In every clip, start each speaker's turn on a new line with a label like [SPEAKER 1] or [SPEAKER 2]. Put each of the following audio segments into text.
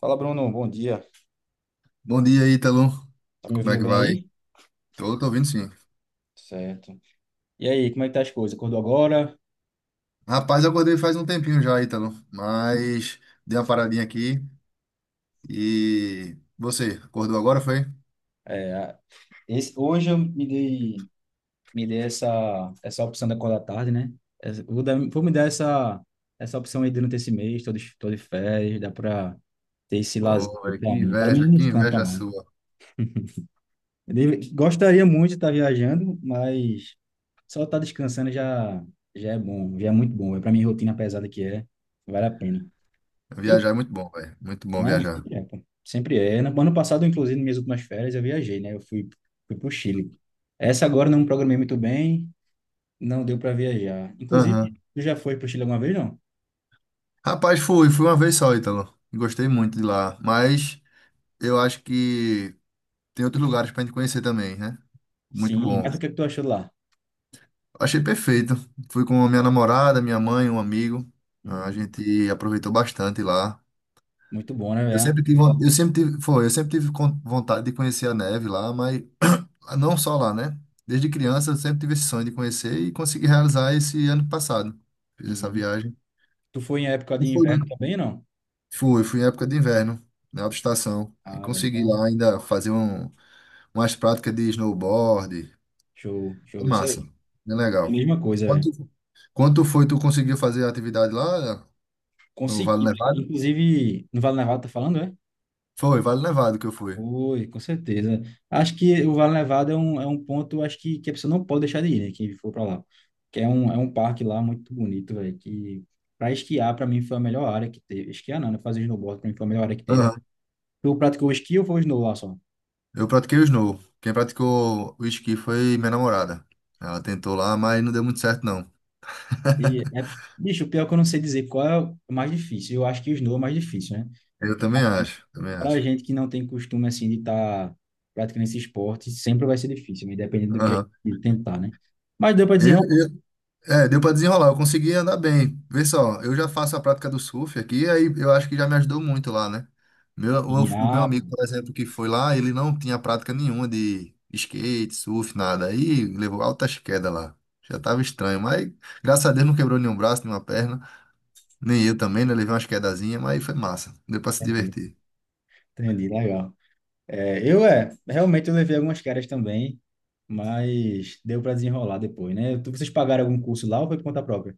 [SPEAKER 1] Fala, Bruno. Bom dia.
[SPEAKER 2] Bom dia, Ítalo.
[SPEAKER 1] Tá me
[SPEAKER 2] Como é
[SPEAKER 1] ouvindo
[SPEAKER 2] que
[SPEAKER 1] bem
[SPEAKER 2] vai?
[SPEAKER 1] aí?
[SPEAKER 2] Tô ouvindo sim.
[SPEAKER 1] Certo. E aí, como é que tá as coisas? Acordou agora?
[SPEAKER 2] Rapaz, eu acordei faz um tempinho já, Ítalo, mas dei uma paradinha aqui e você, acordou agora, foi?
[SPEAKER 1] É, a- Hoje eu me dei essa opção da acordar tarde, né? Vou me dar essa opção aí durante esse mês todo, de tô de férias, dá pra ter esse lazer
[SPEAKER 2] Pô,
[SPEAKER 1] aqui
[SPEAKER 2] véi,
[SPEAKER 1] pra mim. Para mim, me
[SPEAKER 2] que
[SPEAKER 1] descansa,
[SPEAKER 2] inveja
[SPEAKER 1] mano.
[SPEAKER 2] sua.
[SPEAKER 1] Gostaria muito de estar viajando, mas só estar descansando já já é bom, já é muito bom. É pra minha rotina pesada que é, vale a pena. E
[SPEAKER 2] Viajar é muito bom, velho. Muito bom
[SPEAKER 1] Não,
[SPEAKER 2] viajar.
[SPEAKER 1] sempre é, pô. Sempre é. No ano passado, inclusive, nas minhas últimas férias, eu viajei, né? Fui pro Chile. Essa agora não programei muito bem, não deu para viajar. Inclusive,
[SPEAKER 2] Aham.
[SPEAKER 1] tu já foi pro Chile alguma vez, não?
[SPEAKER 2] Rapaz, fui uma vez só, Ítalo. Gostei muito de lá, mas eu acho que tem outros lugares pra gente conhecer também, né? Muito
[SPEAKER 1] Sim,
[SPEAKER 2] bom.
[SPEAKER 1] mas o que é que tu achou lá?
[SPEAKER 2] Achei perfeito. Fui com a minha namorada, minha mãe, um amigo. A
[SPEAKER 1] Uhum.
[SPEAKER 2] gente aproveitou bastante lá.
[SPEAKER 1] Muito bom, né, velho?
[SPEAKER 2] Eu sempre tive vontade de conhecer a neve lá, mas não só lá, né? Desde criança eu sempre tive esse sonho de conhecer e consegui realizar esse ano passado. Fiz essa
[SPEAKER 1] Uhum.
[SPEAKER 2] viagem.
[SPEAKER 1] Tu foi em época
[SPEAKER 2] E
[SPEAKER 1] de
[SPEAKER 2] foi-
[SPEAKER 1] inverno também, não?
[SPEAKER 2] fui em época de inverno, na alta estação. Aí
[SPEAKER 1] Ah, velho,
[SPEAKER 2] consegui lá
[SPEAKER 1] então,
[SPEAKER 2] ainda fazer umas práticas de snowboard.
[SPEAKER 1] show,
[SPEAKER 2] Foi
[SPEAKER 1] show, isso
[SPEAKER 2] massa,
[SPEAKER 1] aí.
[SPEAKER 2] bem legal.
[SPEAKER 1] Mesma coisa, velho.
[SPEAKER 2] Quanto, quanto foi tu conseguiu fazer a atividade lá? No Vale
[SPEAKER 1] Consegui,
[SPEAKER 2] Nevado?
[SPEAKER 1] inclusive, no Vale Nevado tá falando, é?
[SPEAKER 2] Foi, Vale Nevado que eu fui.
[SPEAKER 1] Oi, com certeza. Acho que o Vale Nevado é um ponto, acho que a pessoa não pode deixar de ir, né? Quem for para lá. Que é um parque lá muito bonito, velho. Que para esquiar, para mim, foi a melhor área que teve. Esquiar não, né? Fazer snowboard, para mim, foi a melhor área que teve.
[SPEAKER 2] Aham.
[SPEAKER 1] Tu praticou esqui ou foi snow lá só?
[SPEAKER 2] Eu pratiquei o snow. Quem praticou o esqui foi minha namorada. Ela tentou lá, mas não deu muito certo, não.
[SPEAKER 1] E é, bicho, pior que eu não sei dizer qual é o mais difícil. Eu acho que o snow é o mais difícil, né?
[SPEAKER 2] Eu também acho, também
[SPEAKER 1] Pra
[SPEAKER 2] acho.
[SPEAKER 1] gente que não tem costume, assim, de estar tá praticando esse esporte, sempre vai ser difícil, independente do que
[SPEAKER 2] Aham.
[SPEAKER 1] a gente tentar, né? Mas deu para
[SPEAKER 2] Eu,
[SPEAKER 1] desenrolar.
[SPEAKER 2] eu- é, deu pra desenrolar, eu consegui andar bem. Vê só, eu já faço a prática do surf aqui, aí eu acho que já me ajudou muito lá, né? Meu, o meu
[SPEAKER 1] Ah,
[SPEAKER 2] amigo,
[SPEAKER 1] pô,
[SPEAKER 2] por exemplo, que foi lá, ele não tinha prática nenhuma de skate, surf, nada. Aí levou altas quedas lá. Já tava estranho, mas graças a Deus não quebrou nenhum braço, nenhuma perna. Nem eu também, né? Levei umas quedazinhas, mas foi massa. Deu pra se
[SPEAKER 1] entendi,
[SPEAKER 2] divertir.
[SPEAKER 1] entendi, legal. Realmente, eu levei algumas caras também, mas deu para desenrolar depois, né? Vocês pagaram algum curso lá ou foi por conta própria?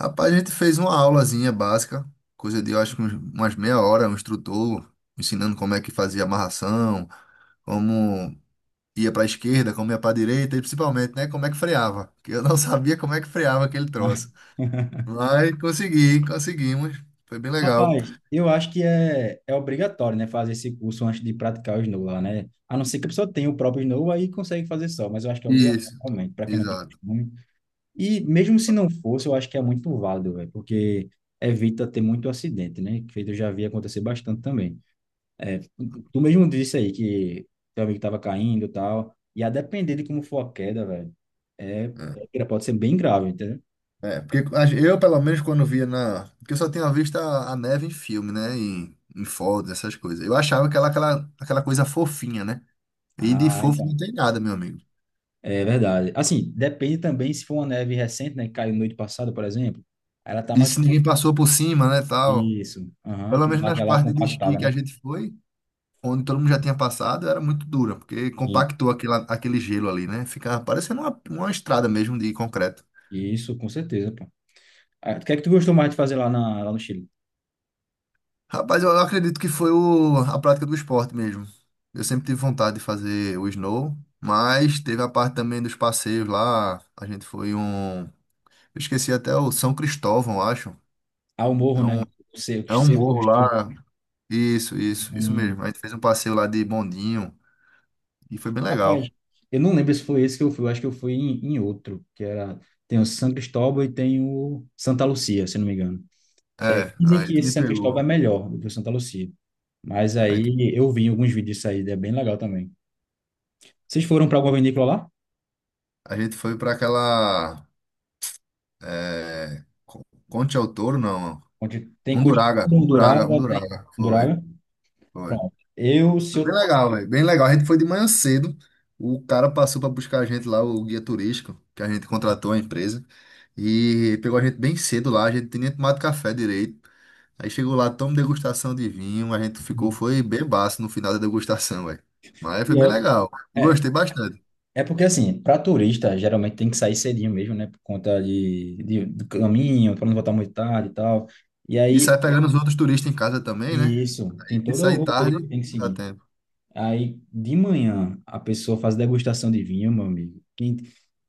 [SPEAKER 2] Rapaz, a gente fez uma aulazinha básica, coisa de, eu acho que umas meia hora, um instrutor ensinando como é que fazia amarração, como ia pra esquerda, como ia pra direita e principalmente, né, como é que freava. Que eu não sabia como é que freava aquele
[SPEAKER 1] Mas-
[SPEAKER 2] troço. Mas consegui, conseguimos. Foi bem legal.
[SPEAKER 1] Rapaz, eu acho que é obrigatório, né, fazer esse curso antes de praticar o snow lá, né? A não ser que a pessoa tenha o próprio snow aí consegue fazer só, mas eu acho que é obrigatório
[SPEAKER 2] Isso,
[SPEAKER 1] realmente, para quem não tem
[SPEAKER 2] exato.
[SPEAKER 1] costume. E mesmo se não fosse, eu acho que é muito válido, velho, porque evita ter muito acidente, né? Que eu já vi acontecer bastante também. Tu mesmo disse aí que teu amigo tava caindo e tal. E a depender de como for a queda, velho, é,
[SPEAKER 2] É.
[SPEAKER 1] pode ser bem grave, entendeu?
[SPEAKER 2] É, porque eu, pelo menos, quando via na. Porque eu só tinha visto a neve em filme, né? Em fotos, essas coisas. Eu achava que aquela coisa fofinha, né? E de
[SPEAKER 1] Ah,
[SPEAKER 2] fofo não
[SPEAKER 1] então.
[SPEAKER 2] tem nada, meu amigo.
[SPEAKER 1] É verdade. Assim, depende também se for uma neve recente, né? Que caiu noite passada, por exemplo. Ela tá
[SPEAKER 2] E
[SPEAKER 1] mais
[SPEAKER 2] se
[SPEAKER 1] pouco.
[SPEAKER 2] ninguém passou por cima, né, tal.
[SPEAKER 1] Isso. Aham,
[SPEAKER 2] Pelo
[SPEAKER 1] que
[SPEAKER 2] menos
[SPEAKER 1] dá
[SPEAKER 2] nas
[SPEAKER 1] aquela
[SPEAKER 2] partes de esqui
[SPEAKER 1] compactada,
[SPEAKER 2] que a
[SPEAKER 1] né?
[SPEAKER 2] gente foi, onde todo mundo já tinha passado, era muito dura, porque
[SPEAKER 1] Sim.
[SPEAKER 2] compactou aquele gelo ali, né? Ficava parecendo uma estrada mesmo de concreto.
[SPEAKER 1] Isso, com certeza, pô. Ah, o que é que tu gostou mais de fazer lá no Chile?
[SPEAKER 2] Rapaz, eu acredito que foi a prática do esporte mesmo. Eu sempre tive vontade de fazer o snow, mas teve a parte também dos passeios lá. A gente foi um. Eu esqueci até o São Cristóvão, eu acho.
[SPEAKER 1] Ah, o morro,
[SPEAKER 2] É
[SPEAKER 1] né?
[SPEAKER 2] um,
[SPEAKER 1] O cerco,
[SPEAKER 2] é um
[SPEAKER 1] cerco,
[SPEAKER 2] morro lá. Isso mesmo. A gente fez um passeio lá de bondinho e foi bem legal.
[SPEAKER 1] rapaz, eu não lembro se foi esse que eu fui, eu acho que eu fui em outro, que era, tem o São Cristóvão e tem o Santa Lucia, se não me engano.
[SPEAKER 2] É,
[SPEAKER 1] Dizem
[SPEAKER 2] aí
[SPEAKER 1] que
[SPEAKER 2] tu
[SPEAKER 1] esse
[SPEAKER 2] me
[SPEAKER 1] São Cristóvão é
[SPEAKER 2] pegou.
[SPEAKER 1] melhor do que o Santa Lucia, mas
[SPEAKER 2] Aí tu-
[SPEAKER 1] aí eu vi alguns vídeos disso aí, é bem legal também. Vocês foram para alguma vinícola lá?
[SPEAKER 2] a gente foi pra aquela. É, Conte ao Touro, não.
[SPEAKER 1] Onde tem coisa
[SPEAKER 2] Unduraga, Unduraga,
[SPEAKER 1] Undurava, tem
[SPEAKER 2] Unduraga. Foi,
[SPEAKER 1] Undurava,
[SPEAKER 2] foi.
[SPEAKER 1] pronto. Eu, se
[SPEAKER 2] Foi bem
[SPEAKER 1] eu...
[SPEAKER 2] legal, velho. Bem legal. A gente foi de manhã cedo. O cara passou para buscar a gente lá, o guia turístico, que a gente contratou a empresa. E pegou a gente bem cedo lá. A gente tinha nem tomado café direito. Aí chegou lá, tomamos degustação de vinho. A gente ficou,
[SPEAKER 1] Hum,
[SPEAKER 2] foi bebaço no final da degustação, velho. Mas foi bem
[SPEAKER 1] pior.
[SPEAKER 2] legal. Eu
[SPEAKER 1] É,
[SPEAKER 2] gostei bastante.
[SPEAKER 1] é porque assim, para turista, geralmente tem que sair cedinho mesmo, né, por conta do caminho, para não voltar muito tarde e tal. E
[SPEAKER 2] E
[SPEAKER 1] aí
[SPEAKER 2] sai pegando os outros turistas em casa também, né?
[SPEAKER 1] E isso, tem
[SPEAKER 2] Aí se
[SPEAKER 1] toda a
[SPEAKER 2] sair
[SPEAKER 1] roteiro
[SPEAKER 2] tarde,
[SPEAKER 1] que tem que
[SPEAKER 2] não dá
[SPEAKER 1] seguir.
[SPEAKER 2] tempo.
[SPEAKER 1] Aí, de manhã, a pessoa faz degustação de vinho, meu amigo.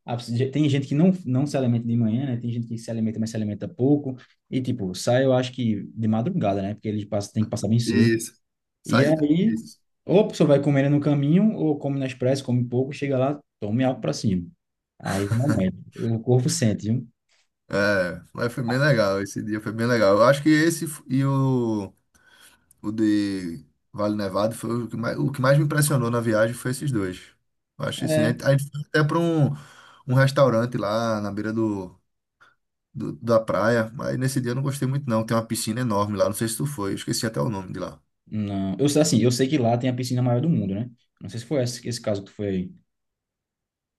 [SPEAKER 1] a- Tem gente que não se alimenta de manhã, né? Tem gente que se alimenta, mas se alimenta pouco. E, tipo, sai, eu acho que de madrugada, né? Porque eles passam, tem que passar bem cedo.
[SPEAKER 2] Isso.
[SPEAKER 1] E
[SPEAKER 2] Sai.
[SPEAKER 1] aí,
[SPEAKER 2] Isso.
[SPEAKER 1] ou a pessoa vai comendo no caminho, ou come na expresso, come pouco, chega lá, tome algo pra cima. Aí, realmente, o corpo sente, viu?
[SPEAKER 2] É, mas foi bem legal. Esse dia foi bem legal. Eu acho que e o. O de Vale Nevado foi o que mais me impressionou na viagem foi esses dois. Eu acho que sim. A
[SPEAKER 1] É.
[SPEAKER 2] gente a gente foi até para um restaurante lá na beira da praia, mas nesse dia eu não gostei muito não. Tem uma piscina enorme lá, não sei se tu foi, eu esqueci até o nome de lá.
[SPEAKER 1] Não, eu sei assim, eu sei que lá tem a piscina maior do mundo, né? Não sei se foi esse caso que tu foi aí.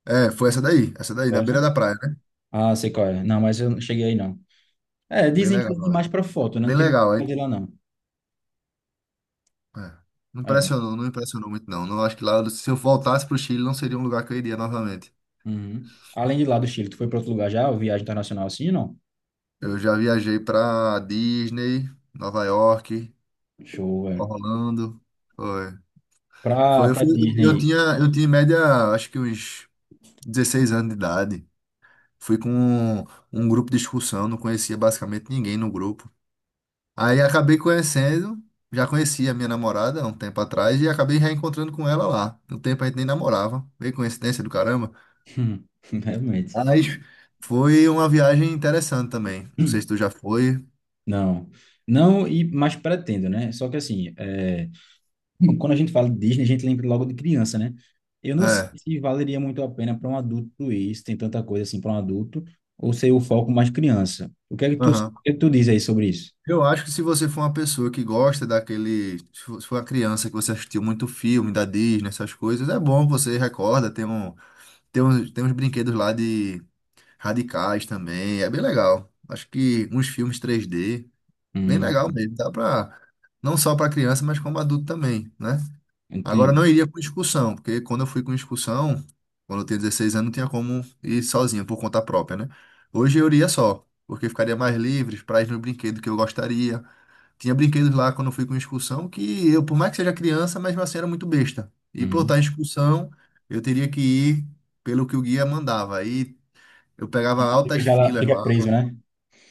[SPEAKER 2] É, foi essa daí, na beira da praia, né?
[SPEAKER 1] Ah, sei qual é. Não, mas eu não cheguei aí, não. É,
[SPEAKER 2] Bem
[SPEAKER 1] dizem que é
[SPEAKER 2] legal lá.
[SPEAKER 1] demais pra foto, né? Não
[SPEAKER 2] Bem
[SPEAKER 1] tem muito
[SPEAKER 2] legal, aí.
[SPEAKER 1] pra de lá, não.
[SPEAKER 2] É. Não
[SPEAKER 1] É.
[SPEAKER 2] impressionou, não impressionou muito não. Não acho que lá, se eu voltasse pro Chile, não seria um lugar que eu iria novamente.
[SPEAKER 1] Uhum. Além de lá do Chile, tu foi pra outro lugar já? Ou viagem internacional assim, não?
[SPEAKER 2] Eu já viajei para Disney, Nova York,
[SPEAKER 1] Show, velho.
[SPEAKER 2] Orlando. Foi. Foi, eu,
[SPEAKER 1] Pra
[SPEAKER 2] fui- eu
[SPEAKER 1] Disney.
[SPEAKER 2] tinha, eu tinha em média, acho que uns 16 anos de idade. Fui com um grupo de excursão, não conhecia basicamente ninguém no grupo. Aí acabei conhecendo, já conhecia a minha namorada há um tempo atrás e acabei reencontrando com ela lá. No tempo a gente nem namorava, meio coincidência do caramba.
[SPEAKER 1] Hum, realmente.
[SPEAKER 2] Mas foi uma viagem interessante também. Não sei se
[SPEAKER 1] Hum,
[SPEAKER 2] tu já foi.
[SPEAKER 1] Não. Não, e mas pretendo, né? Só que assim, é, quando a gente fala de Disney, a gente lembra logo de criança, né? Eu não sei
[SPEAKER 2] É.
[SPEAKER 1] se valeria muito a pena para um adulto isso, tem tanta coisa assim para um adulto, ou ser o foco mais criança. O que é que tu diz aí sobre isso?
[SPEAKER 2] Eu acho que se você for uma pessoa que gosta daquele. Se for uma criança que você assistiu muito filme da Disney, essas coisas, é bom, você recorda, tem uns brinquedos lá de radicais também, é bem legal. Acho que uns filmes 3D, bem legal
[SPEAKER 1] Hum.
[SPEAKER 2] mesmo, dá pra. Não só pra criança, mas como adulto também, né? Agora
[SPEAKER 1] Entendi.
[SPEAKER 2] não iria com excursão, porque quando eu fui com excursão, quando eu tinha 16 anos, não tinha como ir sozinho, por conta própria, né? Hoje eu iria só, porque ficaria mais livre para ir no brinquedo que eu gostaria tinha brinquedos lá quando eu fui com excursão que eu, por mais que seja criança, mesmo assim era muito besta. E por
[SPEAKER 1] Uhum.
[SPEAKER 2] estar em excursão, eu teria que ir pelo que o guia mandava. Aí eu pegava
[SPEAKER 1] Fica,
[SPEAKER 2] altas
[SPEAKER 1] aquela-
[SPEAKER 2] filas
[SPEAKER 1] fica
[SPEAKER 2] lá,
[SPEAKER 1] preso, né?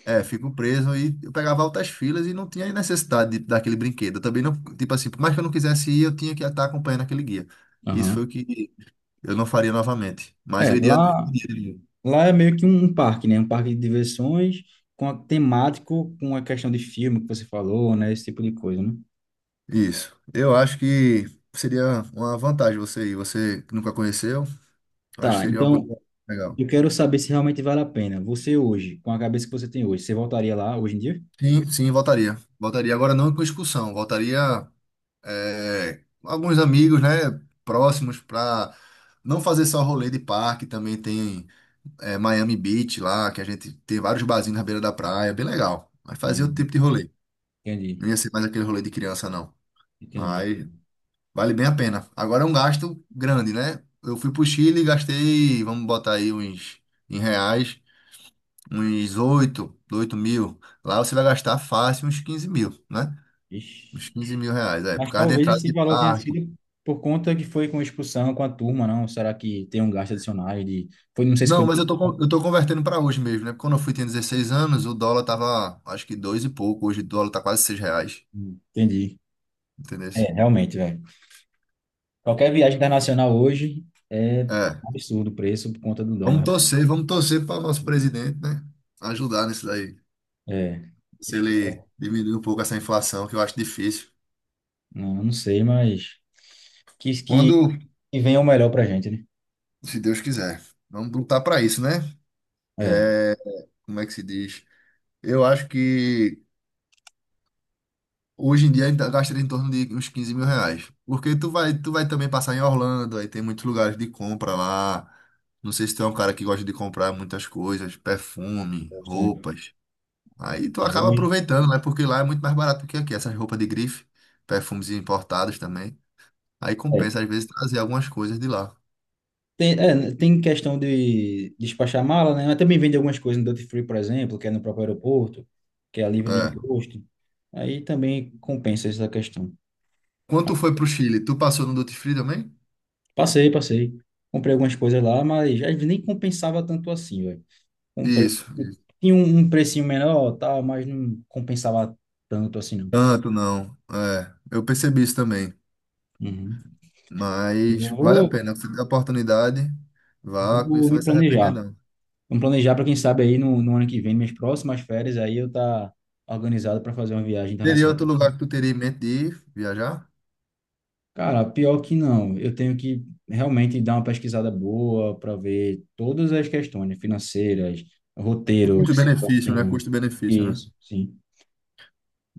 [SPEAKER 2] é, fico preso e eu pegava altas filas e não tinha necessidade daquele brinquedo. Eu também não, tipo assim, por mais que eu não quisesse ir, eu tinha que estar acompanhando aquele guia. Isso foi
[SPEAKER 1] Aham.
[SPEAKER 2] o que eu não faria novamente. Mas
[SPEAKER 1] É,
[SPEAKER 2] eu iria. Eu iria.
[SPEAKER 1] lá é meio que um parque, né? Um parque de diversões com a temático, com a questão de filme que você falou, né? Esse tipo de coisa, né?
[SPEAKER 2] Isso. Eu acho que seria uma vantagem você ir. Você que nunca conheceu, eu acho
[SPEAKER 1] Tá,
[SPEAKER 2] que seria uma coisa
[SPEAKER 1] então
[SPEAKER 2] legal.
[SPEAKER 1] eu quero saber se realmente vale a pena. Você hoje, com a cabeça que você tem hoje, você voltaria lá hoje em dia?
[SPEAKER 2] Sim, sim, voltaria. Voltaria agora não com expulsão, voltaria é, alguns amigos, né, próximos para não fazer só rolê de parque, também tem é, Miami Beach lá, que a gente tem vários barzinhos na beira da praia, bem legal. Mas fazer outro
[SPEAKER 1] Hum,
[SPEAKER 2] tipo de rolê.
[SPEAKER 1] entendi,
[SPEAKER 2] Não ia ser mais aquele rolê de criança, não.
[SPEAKER 1] entendi.
[SPEAKER 2] Mas vale bem a pena. Agora é um gasto grande, né? Eu fui pro Chile e gastei, vamos botar aí uns em reais, uns oito mil. Lá você vai gastar fácil uns 15 mil, né? Uns
[SPEAKER 1] Ixi.
[SPEAKER 2] 15 mil reais, é, por
[SPEAKER 1] Mas
[SPEAKER 2] causa da
[SPEAKER 1] talvez
[SPEAKER 2] entrada
[SPEAKER 1] esse
[SPEAKER 2] de
[SPEAKER 1] valor tenha
[SPEAKER 2] parque.
[SPEAKER 1] sido por conta que foi com expulsão com a turma, não? Será que tem um gasto adicional de... Foi, não sei se
[SPEAKER 2] Não,
[SPEAKER 1] foi...
[SPEAKER 2] mas eu tô, eu tô convertendo para hoje mesmo, né? Porque quando eu fui, tinha 16 anos, o dólar tava, acho que dois e pouco. Hoje o dólar tá quase 6 reais,
[SPEAKER 1] Entendi.
[SPEAKER 2] entendeu?
[SPEAKER 1] É, realmente, velho. Qualquer viagem internacional hoje é
[SPEAKER 2] É,
[SPEAKER 1] um absurdo o preço por conta do
[SPEAKER 2] vamos
[SPEAKER 1] dólar.
[SPEAKER 2] torcer, vamos torcer para o nosso presidente, né? Ajudar nisso daí.
[SPEAKER 1] É,
[SPEAKER 2] Se ele
[SPEAKER 1] espero-
[SPEAKER 2] diminuir um pouco essa inflação, que eu acho difícil.
[SPEAKER 1] não, não sei, mas que, que,
[SPEAKER 2] Quando,
[SPEAKER 1] que venha o melhor pra gente, né?
[SPEAKER 2] se Deus quiser, vamos lutar para isso, né?
[SPEAKER 1] É,
[SPEAKER 2] É, como é que se diz? Eu acho que hoje em dia ainda gastaria em torno de uns 15 mil reais. Porque tu vai também passar em Orlando, aí tem muitos lugares de compra lá. Não sei se tu é um cara que gosta de comprar muitas coisas, perfume, roupas. Aí tu
[SPEAKER 1] é,
[SPEAKER 2] acaba
[SPEAKER 1] hoje-
[SPEAKER 2] aproveitando, né? Porque lá é muito mais barato do que aqui, essas roupas de grife, perfumes importados também. Aí
[SPEAKER 1] É.
[SPEAKER 2] compensa, às vezes, trazer algumas coisas de lá.
[SPEAKER 1] Tem, é, tem questão de despachar mala, né? Mas também vende algumas coisas no Duty Free, por exemplo, que é no próprio aeroporto, que é livre de
[SPEAKER 2] É.
[SPEAKER 1] imposto. Aí também compensa essa questão.
[SPEAKER 2] Quando tu foi pro Chile, tu passou no Duty Free também?
[SPEAKER 1] Passei, passei. Comprei algumas coisas lá, mas às vezes nem compensava tanto assim, velho. Um preço.
[SPEAKER 2] Isso. Isso.
[SPEAKER 1] Tinha um precinho menor, tal, mas não compensava tanto assim, não.
[SPEAKER 2] Tanto não. É, eu percebi isso também.
[SPEAKER 1] Uhum. Já
[SPEAKER 2] Mas vale a
[SPEAKER 1] vou,
[SPEAKER 2] pena. Você tem a oportunidade, vá, que
[SPEAKER 1] Vou
[SPEAKER 2] você não vai
[SPEAKER 1] me
[SPEAKER 2] se
[SPEAKER 1] planejar.
[SPEAKER 2] arrepender, não.
[SPEAKER 1] Vamos planejar para quem sabe aí no ano que vem, minhas próximas férias, aí eu tá organizado para fazer uma viagem
[SPEAKER 2] Teria outro
[SPEAKER 1] internacional.
[SPEAKER 2] lugar que tu teria em mente de ir viajar?
[SPEAKER 1] Cara, pior que não. Eu tenho que realmente dar uma pesquisada boa para ver todas as questões né, financeiras, roteiro,
[SPEAKER 2] Custo-benefício, né?
[SPEAKER 1] psicológico.
[SPEAKER 2] Custo-benefício, né?
[SPEAKER 1] Isso, sim.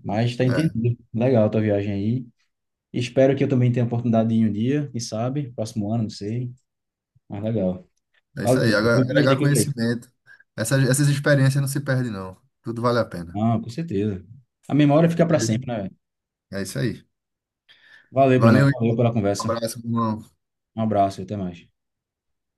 [SPEAKER 1] Mas tá entendido. Legal a tua viagem aí. Espero que eu também tenha a oportunidade de ir um dia, quem sabe, próximo ano, não sei. Mas legal.
[SPEAKER 2] É, é isso
[SPEAKER 1] Valeu,
[SPEAKER 2] aí.
[SPEAKER 1] Bruno. Muito mais
[SPEAKER 2] Agregar
[SPEAKER 1] dicas aí.
[SPEAKER 2] conhecimento. Essas experiências não se perdem, não. Tudo vale a pena.
[SPEAKER 1] Ah, com certeza. A memória fica para
[SPEAKER 2] Beleza?
[SPEAKER 1] sempre, né, velho?
[SPEAKER 2] É isso aí.
[SPEAKER 1] Valeu, Bruno.
[SPEAKER 2] Valeu, um
[SPEAKER 1] Valeu pela conversa.
[SPEAKER 2] abraço, meu irmão.
[SPEAKER 1] Um abraço e até mais.